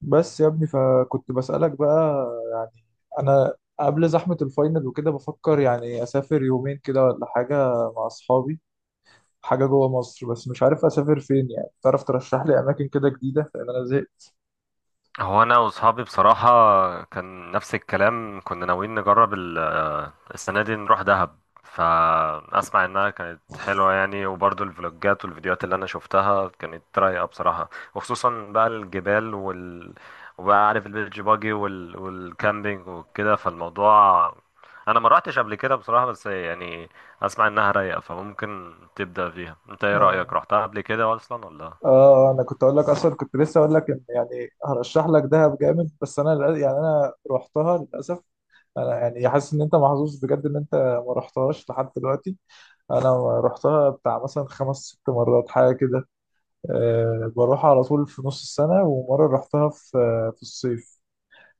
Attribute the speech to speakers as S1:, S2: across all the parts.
S1: بس يا ابني، فكنت بسألك بقى. انا قبل زحمة الفاينل وكده بفكر يعني اسافر يومين كده ولا حاجة مع اصحابي، حاجة جوه مصر. بس مش عارف اسافر فين. يعني تعرف ترشح لي اماكن كده جديدة؟ لان انا زهقت.
S2: هو انا واصحابي بصراحه كان نفس الكلام كنا ناويين نجرب السنه دي نروح دهب. فاسمع انها كانت حلوه، يعني وبرضو الفلوجات والفيديوهات اللي انا شفتها كانت رايقه بصراحه، وخصوصا بقى الجبال وال، وبقى عارف البيتش باجي والكامبينج وكده. فالموضوع انا ما رحتش قبل كده بصراحه، بس يعني اسمع انها رايقه، فممكن تبدا فيها. انت ايه رايك؟
S1: آه,
S2: رحتها قبل كده اصلا ولا؟
S1: اه انا كنت اقول لك اصلا، كنت لسه اقول لك ان يعني هرشح لك دهب جامد، بس انا يعني انا رحتها للاسف. انا يعني حاسس ان انت محظوظ بجد ان انت ما رحتهاش لحد دلوقتي. انا رحتها بتاع مثلا 5 6 مرات حاجة كده. بروح على طول في نص السنة، ومرة رحتها في في الصيف.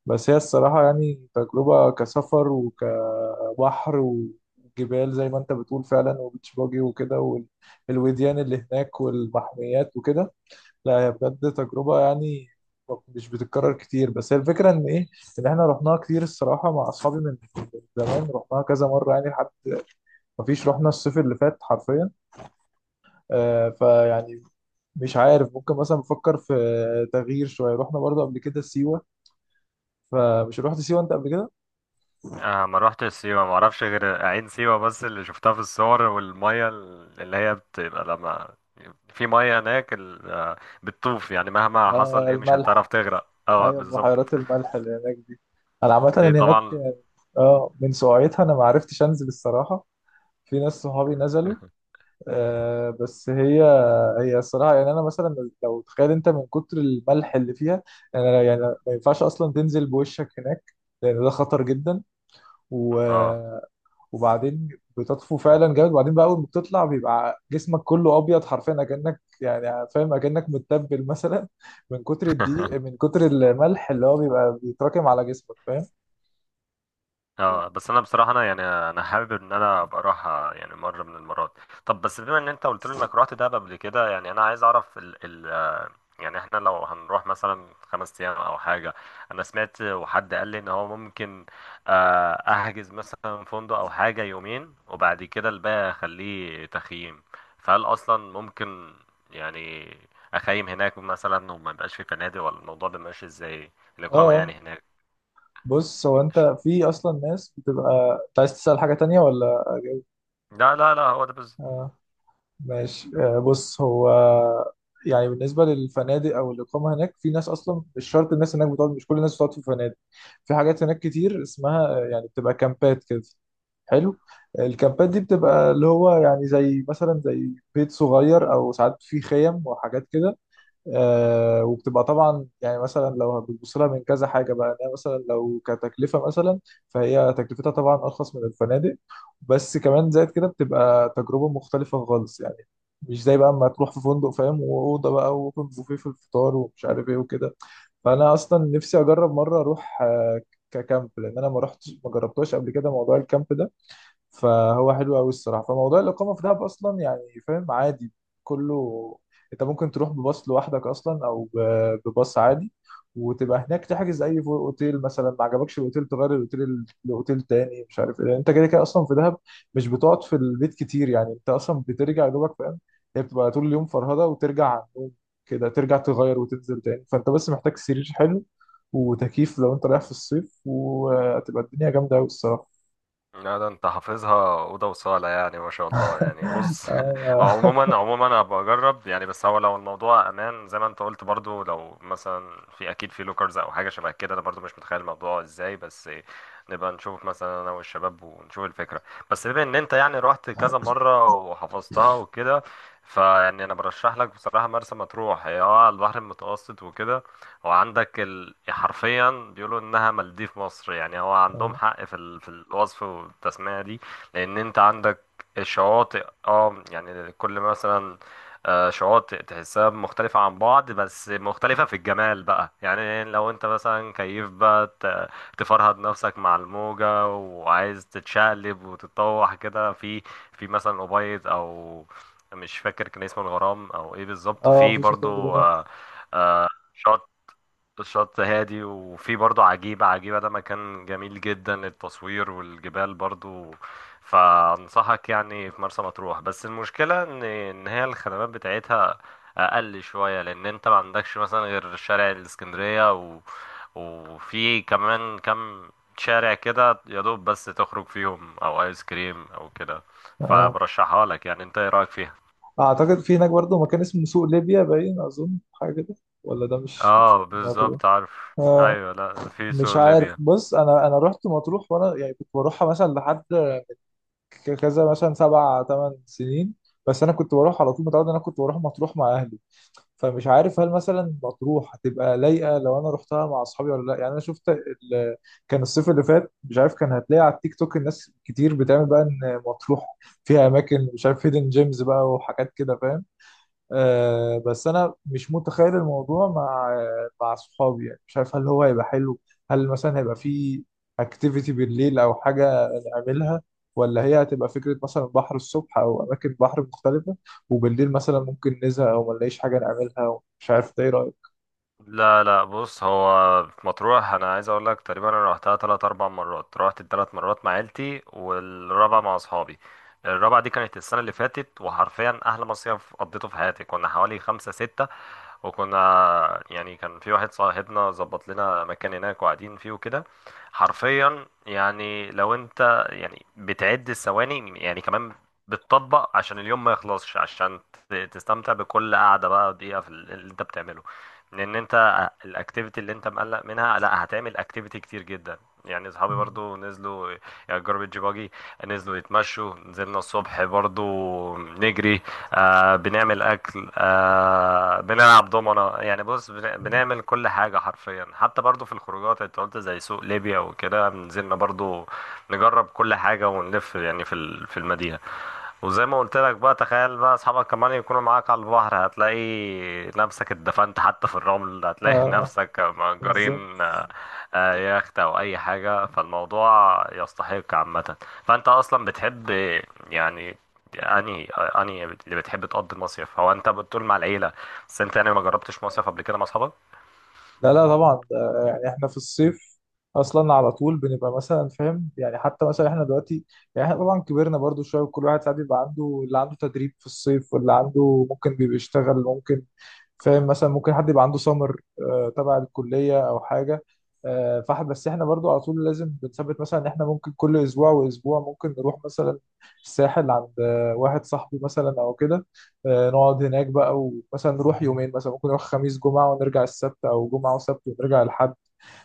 S1: بس هي الصراحة يعني تجربة كسفر وكبحر وجبال زي ما انت بتقول فعلا، وبيتش باجي وكده، والوديان اللي هناك والمحميات وكده. لا هي بجد تجربة يعني مش بتتكرر كتير. بس هي الفكرة ان ايه؟ ان احنا رحناها كتير الصراحة مع اصحابي، من زمان رحناها كذا مرة يعني. لحد مفيش، رحنا الصيف اللي فات حرفيا. فيعني مش عارف، ممكن مثلا بفكر في تغيير شويه. رحنا برضو قبل كده سيوه. فمش رحت سيوه انت قبل كده؟
S2: آه، ما روحتش سيوة، ما اعرفش غير عين سيوة بس، اللي شفتها في الصور، والمية اللي هي بتبقى لما في مية هناك بتطوف. يعني مهما حصل
S1: اه،
S2: ايه مش هتعرف
S1: الملح.
S2: تغرق. اه
S1: ايوه،
S2: بالظبط.
S1: بحيرات الملح اللي هناك دي. انا عامه
S2: دي
S1: اللي هناك
S2: طبعا.
S1: اه من سقعتها، انا ما عرفتش انزل الصراحه. في ناس صحابي نزلوا. بس هي الصراحه يعني، انا مثلا، لو تخيل انت من كتر الملح اللي فيها، انا يعني ما ينفعش اصلا تنزل بوشك هناك، لان ده خطر جدا. و...
S2: اه.
S1: وبعدين بتطفو فعلا جامد. وبعدين بقى، اول ما بتطلع بيبقى جسمك كله ابيض حرفيا، اكنك يعني فاهم، اكنك متبل مثلا من كتر الدقيق، من كتر الملح اللي هو بيبقى بيتراكم على جسمك. فاهم؟
S2: اه بس انا بصراحة، انا يعني انا حابب ان انا ابقى اروح يعني مرة من المرات. طب بس بما ان انت قلت لي انك رحت دهب قبل كده، يعني انا عايز اعرف، يعني احنا لو هنروح مثلا 5 ايام او حاجه. انا سمعت وحد قال لي ان هو ممكن احجز مثلا فندق او حاجه يومين، وبعد كده الباقي اخليه تخييم. فهل اصلا ممكن يعني اخيم هناك مثلا وما يبقاش في فنادق، ولا الموضوع بيبقى ماشي ازاي
S1: اه.
S2: الاقامه يعني
S1: آه.
S2: هناك؟
S1: بص، هو انت في اصلا ناس، بتبقى انت عايز تسأل حاجة تانية ولا؟
S2: لا لا لا، هو ده بس.
S1: آه. ماشي. بص، هو يعني بالنسبة للفنادق أو الإقامة هناك، في ناس أصلا مش شرط. الناس هناك بتقعد، مش كل الناس بتقعد في فنادق. في حاجات هناك كتير اسمها يعني بتبقى كامبات كده. حلو. الكامبات دي بتبقى اللي هو يعني، زي مثلا زي بيت صغير، أو ساعات في خيم وحاجات كده. وبتبقى طبعا يعني، مثلا لو بتبص لها من كذا حاجه بقى، إن هي مثلا لو كتكلفه مثلا، فهي تكلفتها طبعا ارخص من الفنادق. بس كمان زائد كده، بتبقى تجربه مختلفه خالص يعني، مش زي بقى اما تروح في فندق فاهم، واوضه بقى، واوبن بوفيه في الفطار ومش عارف ايه وكده. فانا اصلا نفسي اجرب مره اروح ككامب، لان انا ما رحتش، ما جربتهاش قبل كده موضوع الكامب ده. فهو حلو قوي الصراحه. فموضوع الاقامه في دهب اصلا يعني فاهم، عادي كله. انت ممكن تروح بباص لوحدك اصلا، او بباص عادي، وتبقى هناك تحجز اي اوتيل مثلا. ما عجبكش الاوتيل، تغير الاوتيل لاوتيل تاني، مش عارف ايه. انت كده كده اصلا في دهب مش بتقعد في البيت كتير يعني. انت اصلا بترجع يا دوبك فاهم، هي بتبقى طول اليوم فرهده، وترجع على النوم، كده ترجع تغير وتنزل تاني. فانت بس محتاج سرير حلو وتكييف، لو انت رايح في الصيف وهتبقى الدنيا جامده قوي الصراحه.
S2: لا ده انت حافظها اوضه وصاله، يعني ما شاء الله، يعني بص. هو عموما عموما انا بجرب يعني، بس هو لو الموضوع امان زي ما انت قلت، برضو لو مثلا في اكيد في لوكرز او حاجه شبه كده. انا برضو مش متخيل الموضوع ازاي، بس نبقى نشوف مثلا انا والشباب ونشوف الفكره. بس بما ان انت يعني رحت كذا مره وحفظتها وكده، فيعني انا برشح لك بصراحه مرسى مطروح، هي اه على البحر المتوسط وكده. هو عندك حرفيا بيقولوا انها مالديف مصر. يعني هو عندهم
S1: اه،
S2: حق في في الوصف والتسمية دي. لان انت عندك شواطئ، اه يعني كل مثلا شواطئ تحسها مختلفة عن بعض، بس مختلفة في الجمال بقى. يعني لو انت مثلا كيف بقى تفرهد نفسك مع الموجة وعايز تتشقلب وتتطوح كده، في في مثلا أبيض او مش فاكر كان اسمه الغرام او ايه بالظبط،
S1: اه،
S2: في
S1: مفيش وسائل
S2: برضو
S1: جرام.
S2: آه، شاطئ الشط هادي، وفي برضه عجيبة. عجيبة ده مكان جميل جدا للتصوير، والجبال برضه. فأنصحك يعني في مرسى مطروح. بس المشكلة إن هي الخدمات بتاعتها أقل شوية، لأن أنت ما عندكش مثلا غير شارع الإسكندرية وفي كمان كم شارع كده يا دوب، بس تخرج فيهم أو آيس كريم أو كده.
S1: آه.
S2: فبرشحها لك. يعني أنت إيه رأيك فيها؟
S1: اعتقد في هناك برضه مكان اسمه سوق ليبيا، باين اظن حاجه كده. ولا ده مش
S2: اه
S1: في مطروح؟
S2: بالظبط عارف.
S1: آه.
S2: ايوه، لا في
S1: مش
S2: سوق
S1: عارف،
S2: ليبيا.
S1: بص، انا رحت مطروح، وانا يعني كنت بروحها مثلا لحد كذا، مثلا 7 8 سنين. بس انا كنت بروح على طول، متعود ان انا كنت بروح مطروح مع اهلي. فمش عارف هل مثلا مطروح هتبقى لايقه لو انا رحتها مع اصحابي ولا لا؟ يعني انا شفت كان الصيف اللي فات، مش عارف، كان هتلاقي على التيك توك الناس كتير بتعمل بقى ان مطروح فيها اماكن، مش عارف، هيدن جيمز بقى وحاجات كده فاهم. بس انا مش متخيل الموضوع مع صحابي يعني. مش عارف هل هو هيبقى حلو، هل مثلا هيبقى في اكتيفيتي بالليل او حاجه نعملها، ولا هي هتبقى فكره مثلا بحر الصبح او اماكن بحر مختلفه، وبالليل مثلا ممكن نزهق او ما نلاقيش حاجه نعملها. مش عارف ده، ايه رايك؟
S2: لا لا، بص هو في مطروح انا عايز اقول لك، تقريبا انا رحتها تلات اربع مرات، رحت التلات مرات مع عيلتي، والرابعه مع اصحابي. الرابعه دي كانت السنه اللي فاتت، وحرفيا احلى مصيف قضيته في حياتي. كنا حوالي خمسة ستة، وكنا يعني كان في واحد صاحبنا ظبط لنا مكان هناك وقاعدين فيه وكده. حرفيا يعني لو انت يعني بتعد الثواني يعني، كمان بتطبق عشان اليوم ما يخلصش، عشان تستمتع بكل قعدة بقى دقيقة في اللي انت بتعمله. لان انت الاكتيفيتي اللي انت مقلق منها، لا هتعمل اكتيفيتي كتير جدا. يعني اصحابي برضو نزلوا يعني جاربيج باجي، نزلوا يتمشوا، نزلنا الصبح برضو نجري، آه بنعمل اكل، آه بنلعب دومنة. يعني بص بنعمل كل حاجة حرفيا. حتى برضو في الخروجات انت قلت زي سوق ليبيا وكده، نزلنا برضو نجرب كل حاجة، ونلف يعني في في المدينة. وزي ما قلت لك بقى، تخيل بقى اصحابك كمان يكونوا معاك على البحر، هتلاقي نفسك اتدفنت حتى في الرمل، هتلاقي
S1: آه
S2: نفسك مأجرين
S1: بالظبط.
S2: يخت او اي حاجة. فالموضوع يستحق عامة. فانت اصلا بتحب يعني انهي اللي بتحب تقضي المصيف؟ هو انت بتقول مع العيلة، بس انت يعني ما جربتش مصيف قبل كده مع اصحابك.
S1: لا لا طبعا ده يعني، احنا في الصيف اصلا على طول بنبقى مثلا فاهم يعني. حتى مثلا احنا دلوقتي يعني، احنا طبعا كبرنا برضو شويه، وكل واحد ساعات بيبقى عنده، اللي عنده تدريب في الصيف، واللي عنده ممكن بيبقى يشتغل ممكن فاهم، مثلا ممكن حد يبقى عنده سمر تبع الكليه او حاجه. فاحنا بس احنا برضو على طول لازم بنثبت مثلا ان احنا ممكن كل اسبوع واسبوع ممكن نروح مثلا الساحل عند واحد صاحبي مثلا او كده. نقعد هناك بقى، ومثلا نروح يومين مثلا ممكن. نروح خميس جمعة ونرجع السبت، أو جمعة وسبت ونرجع الحد.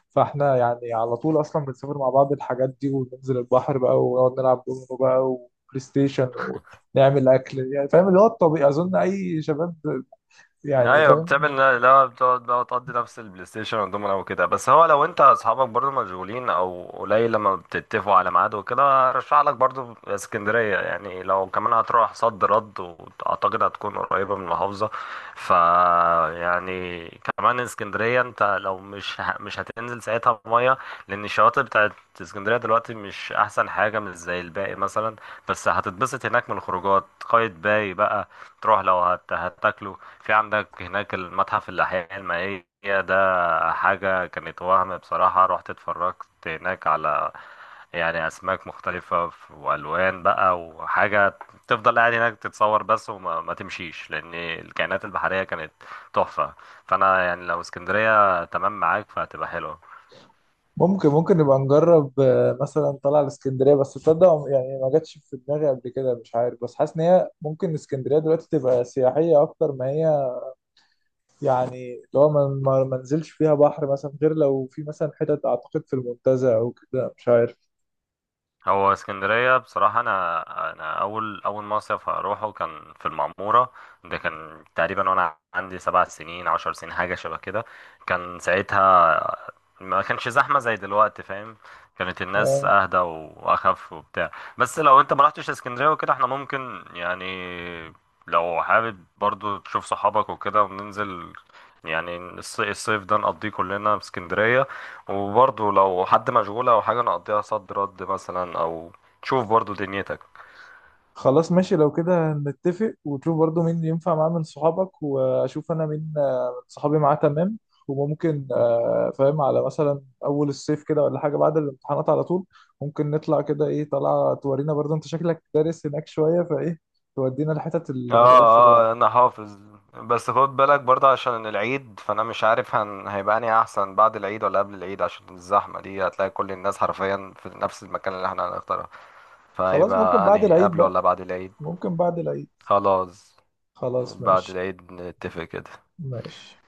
S1: فاحنا يعني على طول أصلا بنسافر مع بعض الحاجات دي، وننزل البحر بقى، ونقعد نلعب دومينو بقى، وبلاي ستيشن، ونعمل أكل. يعني فاهم اللي هو الطبيعي، أظن أي شباب يعني
S2: ايوه
S1: فاهم.
S2: بتعمل، لا بتقعد بقى وتقضي نفس البلاي ستيشن والدومنا وكده. بس هو لو انت اصحابك برضو مشغولين او قليل لما بتتفقوا على ميعاد وكده، ارشح لك برضو اسكندريه. يعني لو كمان هتروح صد رد، واعتقد هتكون قريبه من المحافظه. ف يعني كمان اسكندريه انت لو مش مش هتنزل ساعتها ميه، لان الشواطئ بتاعت اسكندريه دلوقتي مش احسن حاجه، مش زي الباقي مثلا. بس هتتبسط هناك من الخروجات. قايتباي بقى تروح لو هتاكلوا. في عندك هناك المتحف الأحياء المائية، ده حاجة كانت وهم بصراحة. رحت اتفرجت هناك على يعني أسماك مختلفة وألوان بقى وحاجة، تفضل قاعد هناك تتصور بس، وما ما تمشيش، لأن الكائنات البحرية كانت تحفة. فأنا يعني لو اسكندرية تمام معاك، فهتبقى حلوة.
S1: ممكن نبقى نجرب مثلا طلع الاسكندرية. بس تصدق يعني ما جاتش في دماغي قبل كده، مش عارف، بس حاسس إن هي ممكن اسكندرية دلوقتي تبقى سياحية أكتر ما هي يعني. لو ما نزلش فيها بحر مثلا، غير لو في مثلا حتت، اعتقد في المنتزه او كده، مش عارف.
S2: هو اسكندرية بصراحة، أنا أول أول مصيف هروحه كان في المعمورة. ده كان تقريبا وأنا عندي 7 سنين 10 سنين حاجة شبه كده. كان ساعتها ما كانش زحمة زي دلوقتي، فاهم؟ كانت الناس
S1: آه.
S2: اهدى واخف وبتاع. بس لو انت ما رحتش اسكندرية وكده، احنا ممكن يعني لو حابب برضو تشوف صحابك وكده وننزل يعني الصيف ده نقضيه كلنا في اسكندرية. وبرضو لو حد مشغول او حاجة، نقضيها صد رد مثلا، او تشوف برضو دنيتك.
S1: خلاص ماشي، لو كده نتفق، وتشوف برضو مين ينفع معاه من صحابك، واشوف انا مين من صحابي معاه تمام. وممكن فاهم على مثلا اول الصيف كده، ولا حاجه بعد الامتحانات على طول ممكن نطلع كده. ايه، طلع تورينا برضو انت شكلك دارس هناك شويه، فايه، تودينا الحتت اللي من
S2: اه
S1: الاخر يعني.
S2: اه انا حافظ. بس خد بالك برضه عشان العيد، فانا مش عارف هيبقى اني احسن بعد العيد ولا قبل العيد، عشان الزحمه دي هتلاقي كل الناس حرفيا في نفس المكان اللي احنا هنختاره.
S1: خلاص ممكن
S2: فهيبقى
S1: بعد
S2: انهي،
S1: العيد
S2: قبل
S1: بقى،
S2: ولا بعد العيد؟
S1: ممكن بعد العيد.
S2: خلاص،
S1: خلاص
S2: بعد
S1: ماشي.
S2: العيد نتفق كده.
S1: ماشي.